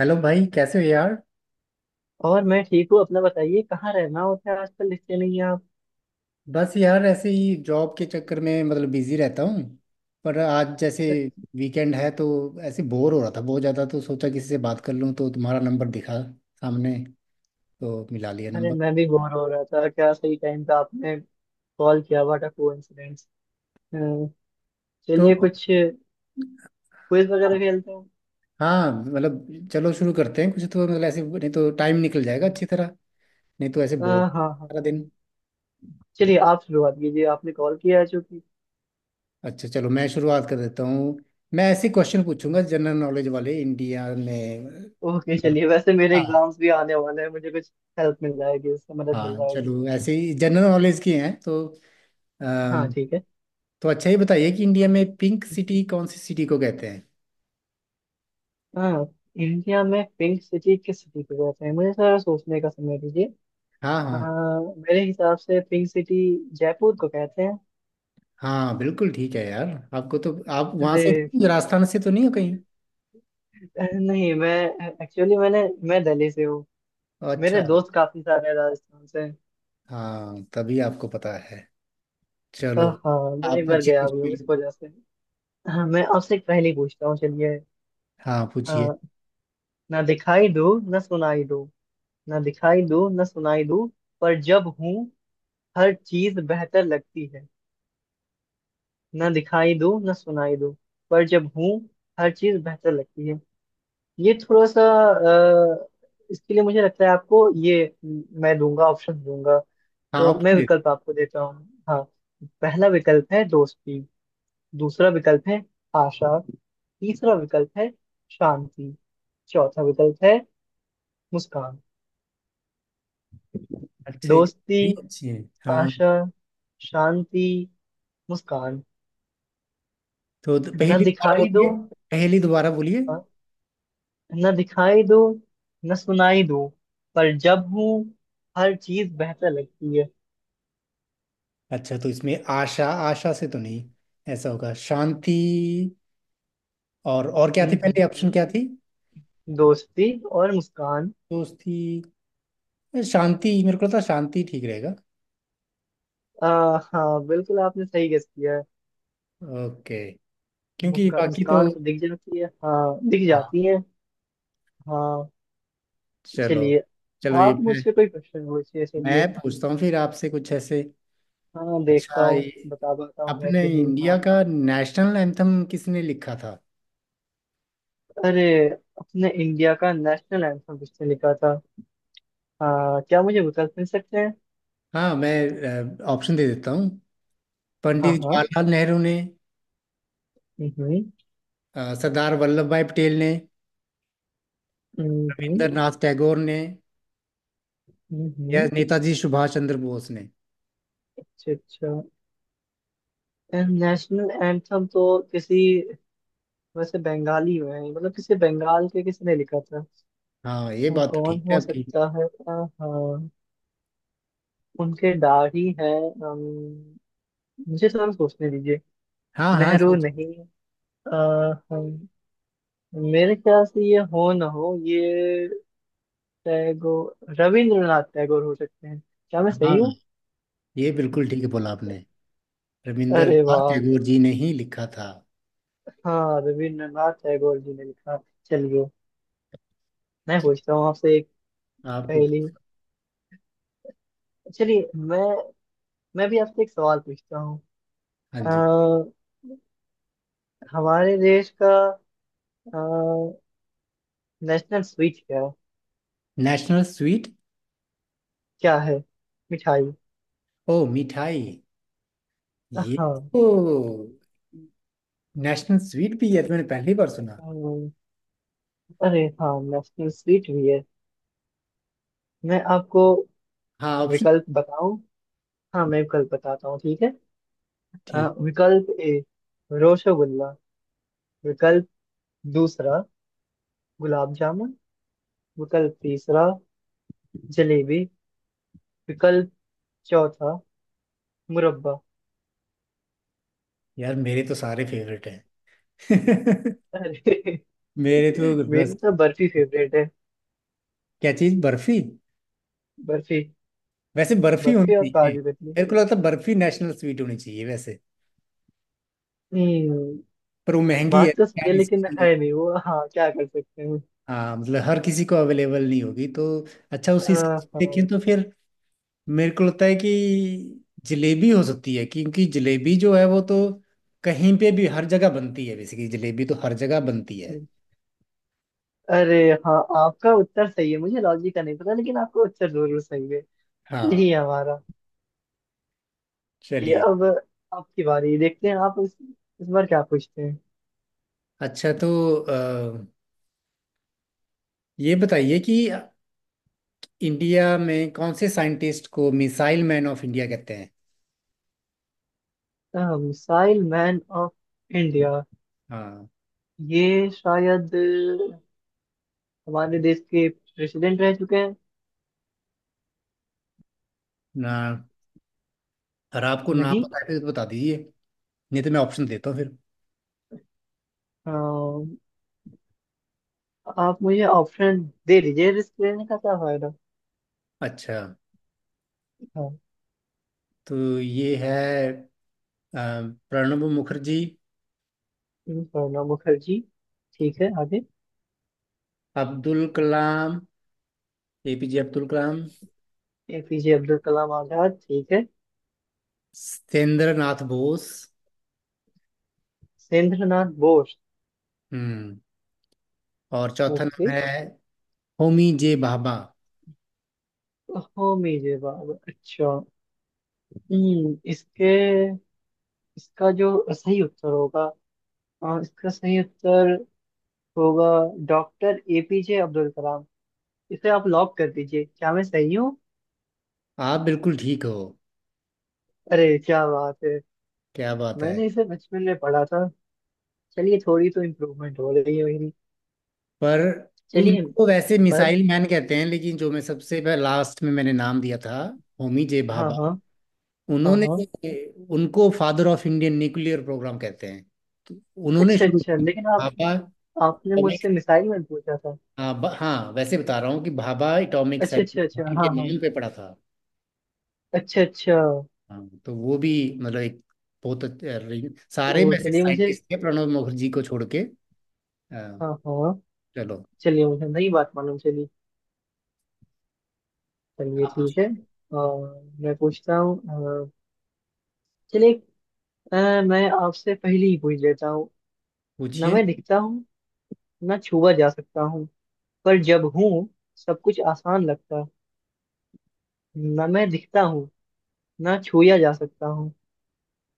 Hello भाई, कैसे हो यार। और मैं ठीक हूँ। अपना बताइए, कहाँ रहना होता है? आजकल दिखते नहीं है आप। बस यार ऐसे ही जॉब के चक्कर में मतलब बिजी रहता हूँ। पर आज जैसे वीकेंड है तो ऐसे बोर हो रहा था बहुत ज़्यादा, तो सोचा किसी से बात कर लूँ, तो तुम्हारा नंबर दिखा सामने, तो मिला लिया अरे नंबर। मैं भी बोर हो रहा था, क्या सही टाइम पे आपने कॉल किया, व्हाट अ कोइंसिडेंस। चलिए तो कुछ क्विज वगैरह खेलते हैं। हाँ मतलब चलो शुरू करते हैं कुछ, तो मतलब ऐसे, नहीं तो टाइम निकल जाएगा अच्छी तरह। नहीं तो ऐसे अ, बोर हाँ सारा हाँ। दिन। चलिए आप शुरुआत कीजिए, आपने कॉल किया है चूंकि। अच्छा, चलो मैं शुरुआत कर देता हूँ। मैं ऐसे क्वेश्चन पूछूंगा जनरल नॉलेज वाले, इंडिया में मतलब। ओके चलिए, वैसे मेरे हाँ, एग्जाम्स भी आने वाले हैं, मुझे कुछ हेल्प मिल जाएगी, उससे मदद मिल हाँ, जाएगी। चलो ऐसे ही जनरल नॉलेज की हैं तो। हाँ अम, ठीक है। तो अच्छा ही बताइए कि इंडिया में पिंक सिटी कौन सी सिटी को कहते हैं? हाँ, इंडिया में पिंक सिटी किस सिटी को कहते हैं, मुझे थोड़ा सोचने का समय दीजिए। हाँ, अ, हाँ, मेरे हिसाब से पिंक सिटी जयपुर को कहते हैं। हाँ। बिल्कुल ठीक है यार। आपको तो आप वहाँ से अरे। राजस्थान से तो नहीं हो कहीं? अरे नहीं मैं एक्चुअली मैंने मैं दिल्ली से हूँ। अच्छा। मेरे दोस्त काफी सारे हैं राजस्थान से। हाँ, तभी आपको पता है। चलो, हाँ, मैं आप एक बार पूछिए गया कुछ भी हूँ भी। इस वजह से। हाँ, मैं आपसे एक पहेली पूछता हूँ। चलिए। हाँ, अ, पूछिए। ना दिखाई दूँ, ना सुनाई दूँ। ना दिखाई दूँ, ना सुनाई दूँ, पर जब हूँ हर चीज बेहतर लगती है। ना दिखाई दूँ, ना सुनाई दूँ, पर जब हूँ हर चीज बेहतर लगती है। ये थोड़ा सा। अ, इसके लिए मुझे लगता है आपको ये मैं दूंगा ऑप्शन दूंगा। हाँ तो आप मैं पूछिए। विकल्प आपको देता हूँ। हाँ। पहला विकल्प है दोस्ती। दूसरा विकल्प है आशा। तीसरा विकल्प है शांति। चौथा विकल्प है मुस्कान। अच्छा, ये दोस्ती, भी अच्छी है, हाँ। आशा, शांति, मुस्कान। तो न पहेली दोबारा दिखाई दो। बोलिए। पहेली दोबारा बोलिए। हाँ, न दिखाई दो, न सुनाई दो, पर जब हूँ हर चीज बेहतर लगती है। अच्छा, तो इसमें आशा, आशा से तो नहीं? ऐसा होगा शांति। और क्या थी हम्म हम्म पहले ऑप्शन हम्म। क्या थी दोस्ती और मुस्कान। दोस्ती शांति मेरे को लगता है शांति ठीक रहेगा आ, हाँ बिल्कुल आपने सही गेस किया है। ओके क्योंकि बाकी तो मुस्कान तो दिख जाती है, हाँ दिख हाँ जाती है। हाँ। चलो चलिए, चलो ये आप मुझसे कोई क्वेश्चन पूछिए। मैं चलिए। पूछता हूँ फिर आपसे कुछ ऐसे। हाँ, देखता अच्छा, हूँ ये बता पाता हूँ मैं अपने कि नहीं, हाँ। इंडिया का नेशनल एंथम किसने लिखा था? अरे, अपने इंडिया का नेशनल एंथम किसने लिखा था। हाँ, क्या मुझे विकल्प मिल सकते हैं? हाँ, मैं ऑप्शन दे देता हूँ। हाँ पंडित हाँ। जवाहरलाल नेहरू ने, हम्म। सरदार वल्लभ भाई पटेल ने, हम्म रविंद्रनाथ नाथ टैगोर ने, हम्म, या हम्म। नेताजी सुभाष चंद्र बोस ने? अच्छा अच्छा। नेशनल एंथम तो किसी, वैसे बंगाली में है, मतलब किसी बंगाल के, किसने लिखा था। हाँ, ये बात तो कौन ठीक है हो आपकी। सकता है? हाँ, उनके दाढ़ी है। मुझे थोड़ा सोचने दीजिए। हाँ, हाँ, नेहरू सोच। नहीं। अ, हम, मेरे ख्याल से ये हो ना हो, ये टैगोर, रविंद्रनाथ टैगोर हो सकते हैं। क्या मैं सही हाँ, हूँ? ये बिल्कुल ठीक बोला आपने। अरे रविंद्रनाथ वाह! टैगोर जी ने ही लिखा था। हाँ रविंद्रनाथ टैगोर जी ने लिखा। चलिए, मैं पूछता हूँ आपसे एक आप पहेली। कुछ- चलिए, मैं भी आपसे एक सवाल पूछता हाँ जी। हूँ। हमारे देश का नेशनल स्वीट क्या, नेशनल स्वीट? क्या है मिठाई? ओ, मिठाई। ये हाँ। तो नेशनल स्वीट भी है तो मैंने पहली बार सुना। अम, अरे हाँ, नेशनल स्वीट भी है। मैं आपको हाँ, ऑप्शन। विकल्प बताऊं, हाँ मैं विकल्प बताता हूँ, ठीक है। अ, ठीक। विकल्प ए रसगुल्ला। विकल्प दूसरा गुलाब जामुन। विकल्प तीसरा जलेबी। विकल्प चौथा मुरब्बा। यार मेरे तो सारे फेवरेट हैं। अरे मेरे तो बस। मेरी तो बर्फी फेवरेट है। क्या चीज, बर्फी? बर्फी। वैसे बर्फी होनी बर्फी और चाहिए, काजू कतली। मेरे को लगता है बर्फी नेशनल स्वीट होनी चाहिए वैसे। हम्म। पर वो महंगी है बात तो सही है, यार लेकिन इसकी। है नहीं वो, हाँ क्या कर सकते हैं। हाँ मतलब हर किसी को अवेलेबल नहीं होगी तो। अच्छा, उसी हिसाब से देखें हाँ, तो फिर मेरे को लगता है कि जलेबी हो सकती है, क्योंकि जलेबी जो है वो तो कहीं पे भी हर जगह बनती है, बेसिकली जलेबी तो हर जगह बनती है। अरे हाँ आपका उत्तर सही है, मुझे लॉजिक का नहीं पता, लेकिन आपका उत्तर जरूर सही है। हाँ। यही है हमारा। ये चलिए, अब आपकी बारी, देखते हैं आप इस बार क्या पूछते हैं। अच्छा तो अ, ये बताइए कि इंडिया में कौन से साइंटिस्ट को मिसाइल मैन ऑफ इंडिया कहते हैं? Missile man of India. हाँ, ये शायद हमारे देश के प्रेसिडेंट रह चुके हैं। ना। और आपको नाम नहीं। पता है तो बता दीजिए, नहीं तो मैं ऑप्शन देता हूँ फिर। अ, आप मुझे ऑप्शन दे दीजिए, रिस्क लेने का क्या फायदा। अच्छा, हाँ, तो ये है अ, प्रणब मुखर्जी, प्रणब मुखर्जी ठीक है। आगे। अब्दुल कलाम, एपीजे अब्दुल कलाम, एपीजे अब्दुल कलाम आजाद ठीक है। सत्येंद्र नाथ बोस, सत्येंद्रनाथ बोस। हम्म और चौथा नाम ओके। है होमी जे भाभा। होमी जवाब अच्छा। हम्म, इसके इसका जो सही उत्तर होगा। हाँ, इसका सही उत्तर होगा डॉक्टर एपीजे अब्दुल कलाम। इसे आप लॉक कर दीजिए, क्या मैं सही हूँ? आप बिल्कुल ठीक हो। अरे क्या बात है! क्या बात है। मैंने इसे बचपन में पढ़ा था। चलिए, थोड़ी तो इम्प्रूवमेंट हो रही है मेरी। पर चलिए। उनको वैसे पर मिसाइल मैन कहते हैं, लेकिन जो मैं सबसे लास्ट में मैंने नाम दिया था, होमी जे हाँ भाभा, हाँ। हाँ उन्होंने, हाँ। उनको father of Indian nuclear programme कहते हैं, तो उन्होंने अच्छा शुरू अच्छा, किया लेकिन था। आप भाभा आपने मुझसे atomic- मिसाइल में पूछा था। हाँ, हाँ, वैसे बता रहा हूँ कि भाभा एटॉमिक अच्छा सेंटर अच्छा अच्छा। इनके हाँ हाँ। नाम पे पड़ा था। अच्छा अच्छा। हाँ, तो वो भी मतलब एक बहुत सारे ओ वैसे चलिए मुझे। साइंटिस्ट थे, प्रणब मुखर्जी को छोड़ के। अ, हाँ हाँ। चलो, चलिए मुझे नई बात मालूम चली। चलिए आप ठीक पूछिए। है। और मैं पूछता हूँ। अ, चलिए। मैं आपसे पहले ही पूछ लेता हूँ। ना पूछिए। मैं दिखता हूँ, ना छुआ जा सकता हूँ, पर जब हूँ सब कुछ आसान लगता। ना मैं दिखता हूँ, ना छुआ जा सकता हूँ,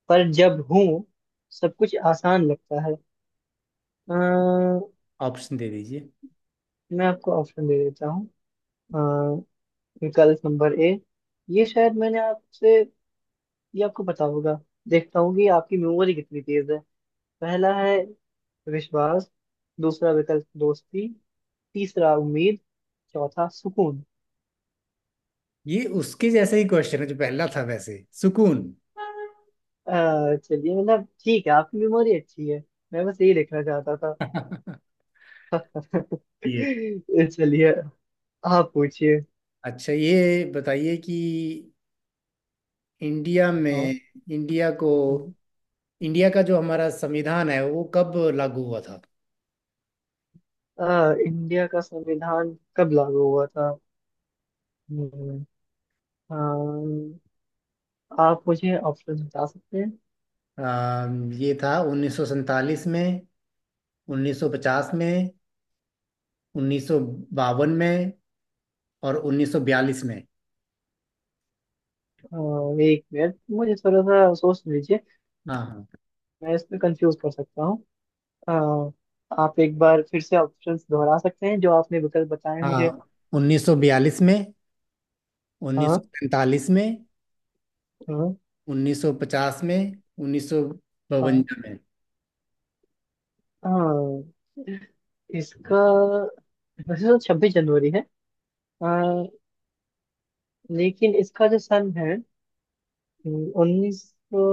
पर जब हूँ सब कुछ आसान लगता है। अ, ऑप्शन दे दीजिए। मैं आपको ऑप्शन दे देता हूँ। विकल्प नंबर ए। ये शायद मैंने आपसे ये आपको पता होगा। देखता हूँ कि आपकी मेमोरी कितनी तेज है। पहला है विश्वास। दूसरा विकल्प दोस्ती। तीसरा उम्मीद। चौथा सुकून। ये उसके जैसा ही क्वेश्चन है जो पहला था, वैसे सुकून। चलिए, मतलब ठीक है, आपकी मेमोरी अच्छी है। मैं बस यही लिखना चाहता था। ये चलिए, आप पूछिए। अच्छा, ये बताइए कि इंडिया हाँ। में, इंडिया को, हम्म। इंडिया का जो हमारा संविधान है वो कब लागू हुआ था? इंडिया का संविधान कब लागू हुआ था? हम्म। अ, आप मुझे ऑप्शन बता सकते हैं? ये था 1947 में, 1950 में, 1952 में और 1942 में? अ, 1 मिनट, मुझे थोड़ा सा सोच लीजिए। हाँ, मैं इसमें कंफ्यूज कर सकता हूँ। अ, आप एक बार फिर से ऑप्शंस दोहरा सकते हैं, जो आपने विकल्प बताए हैं हाँ, मुझे। हाँ। 1942 में, हाँ 1945 में, हाँ। 1950 में, 1952 हाँ में? हाँ। इसका वैसे तो 26 जनवरी है। अ, लेकिन इसका जो सन है, उन्नीस सौ।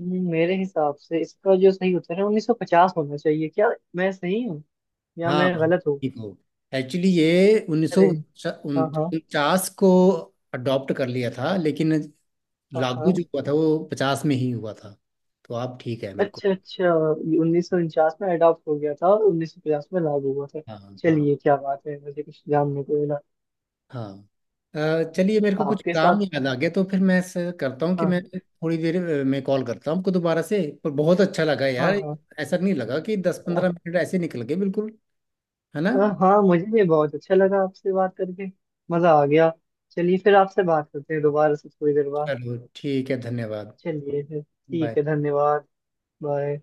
मेरे हिसाब से इसका जो सही उत्तर है 1950 होना चाहिए, क्या मैं सही हूँ या हाँ। मैं गलत हूँ? देखो, एक्चुअली ये उन्नीस सौ अरे। हाँ हाँ। उनचास को अडॉप्ट कर लिया था, लेकिन हाँ लागू हाँ। जो हुआ था वो 1950 में ही हुआ था, तो आप ठीक है बिल्कुल। अच्छा अच्छा। ये 1949 में अडॉप्ट हो गया था, और 1950 में लागू हुआ था। हाँ, हाँ, चलिए, क्या बात है, मुझे कुछ जानने को मिला। हाँ। चलिए, मेरे को कुछ आपके काम साथ। याद आ गया तो फिर मैं ऐसा करता हूँ कि हाँ। मैं थोड़ी देर में कॉल करता हूँ आपको दोबारा से, पर बहुत अच्छा लगा हाँ यार। हाँ। ऐसा नहीं लगा कि दस अ- पंद्रह मिनट ऐसे निकल गए बिल्कुल, है ना? हाँ, मुझे भी बहुत अच्छा लगा आपसे बात करके, मजा आ गया। चलिए फिर आपसे बात करते हैं दोबारा से थोड़ी देर बाद। चलो, ठीक है, धन्यवाद। चलिए फिर बाय। ठीक है, धन्यवाद। बाय।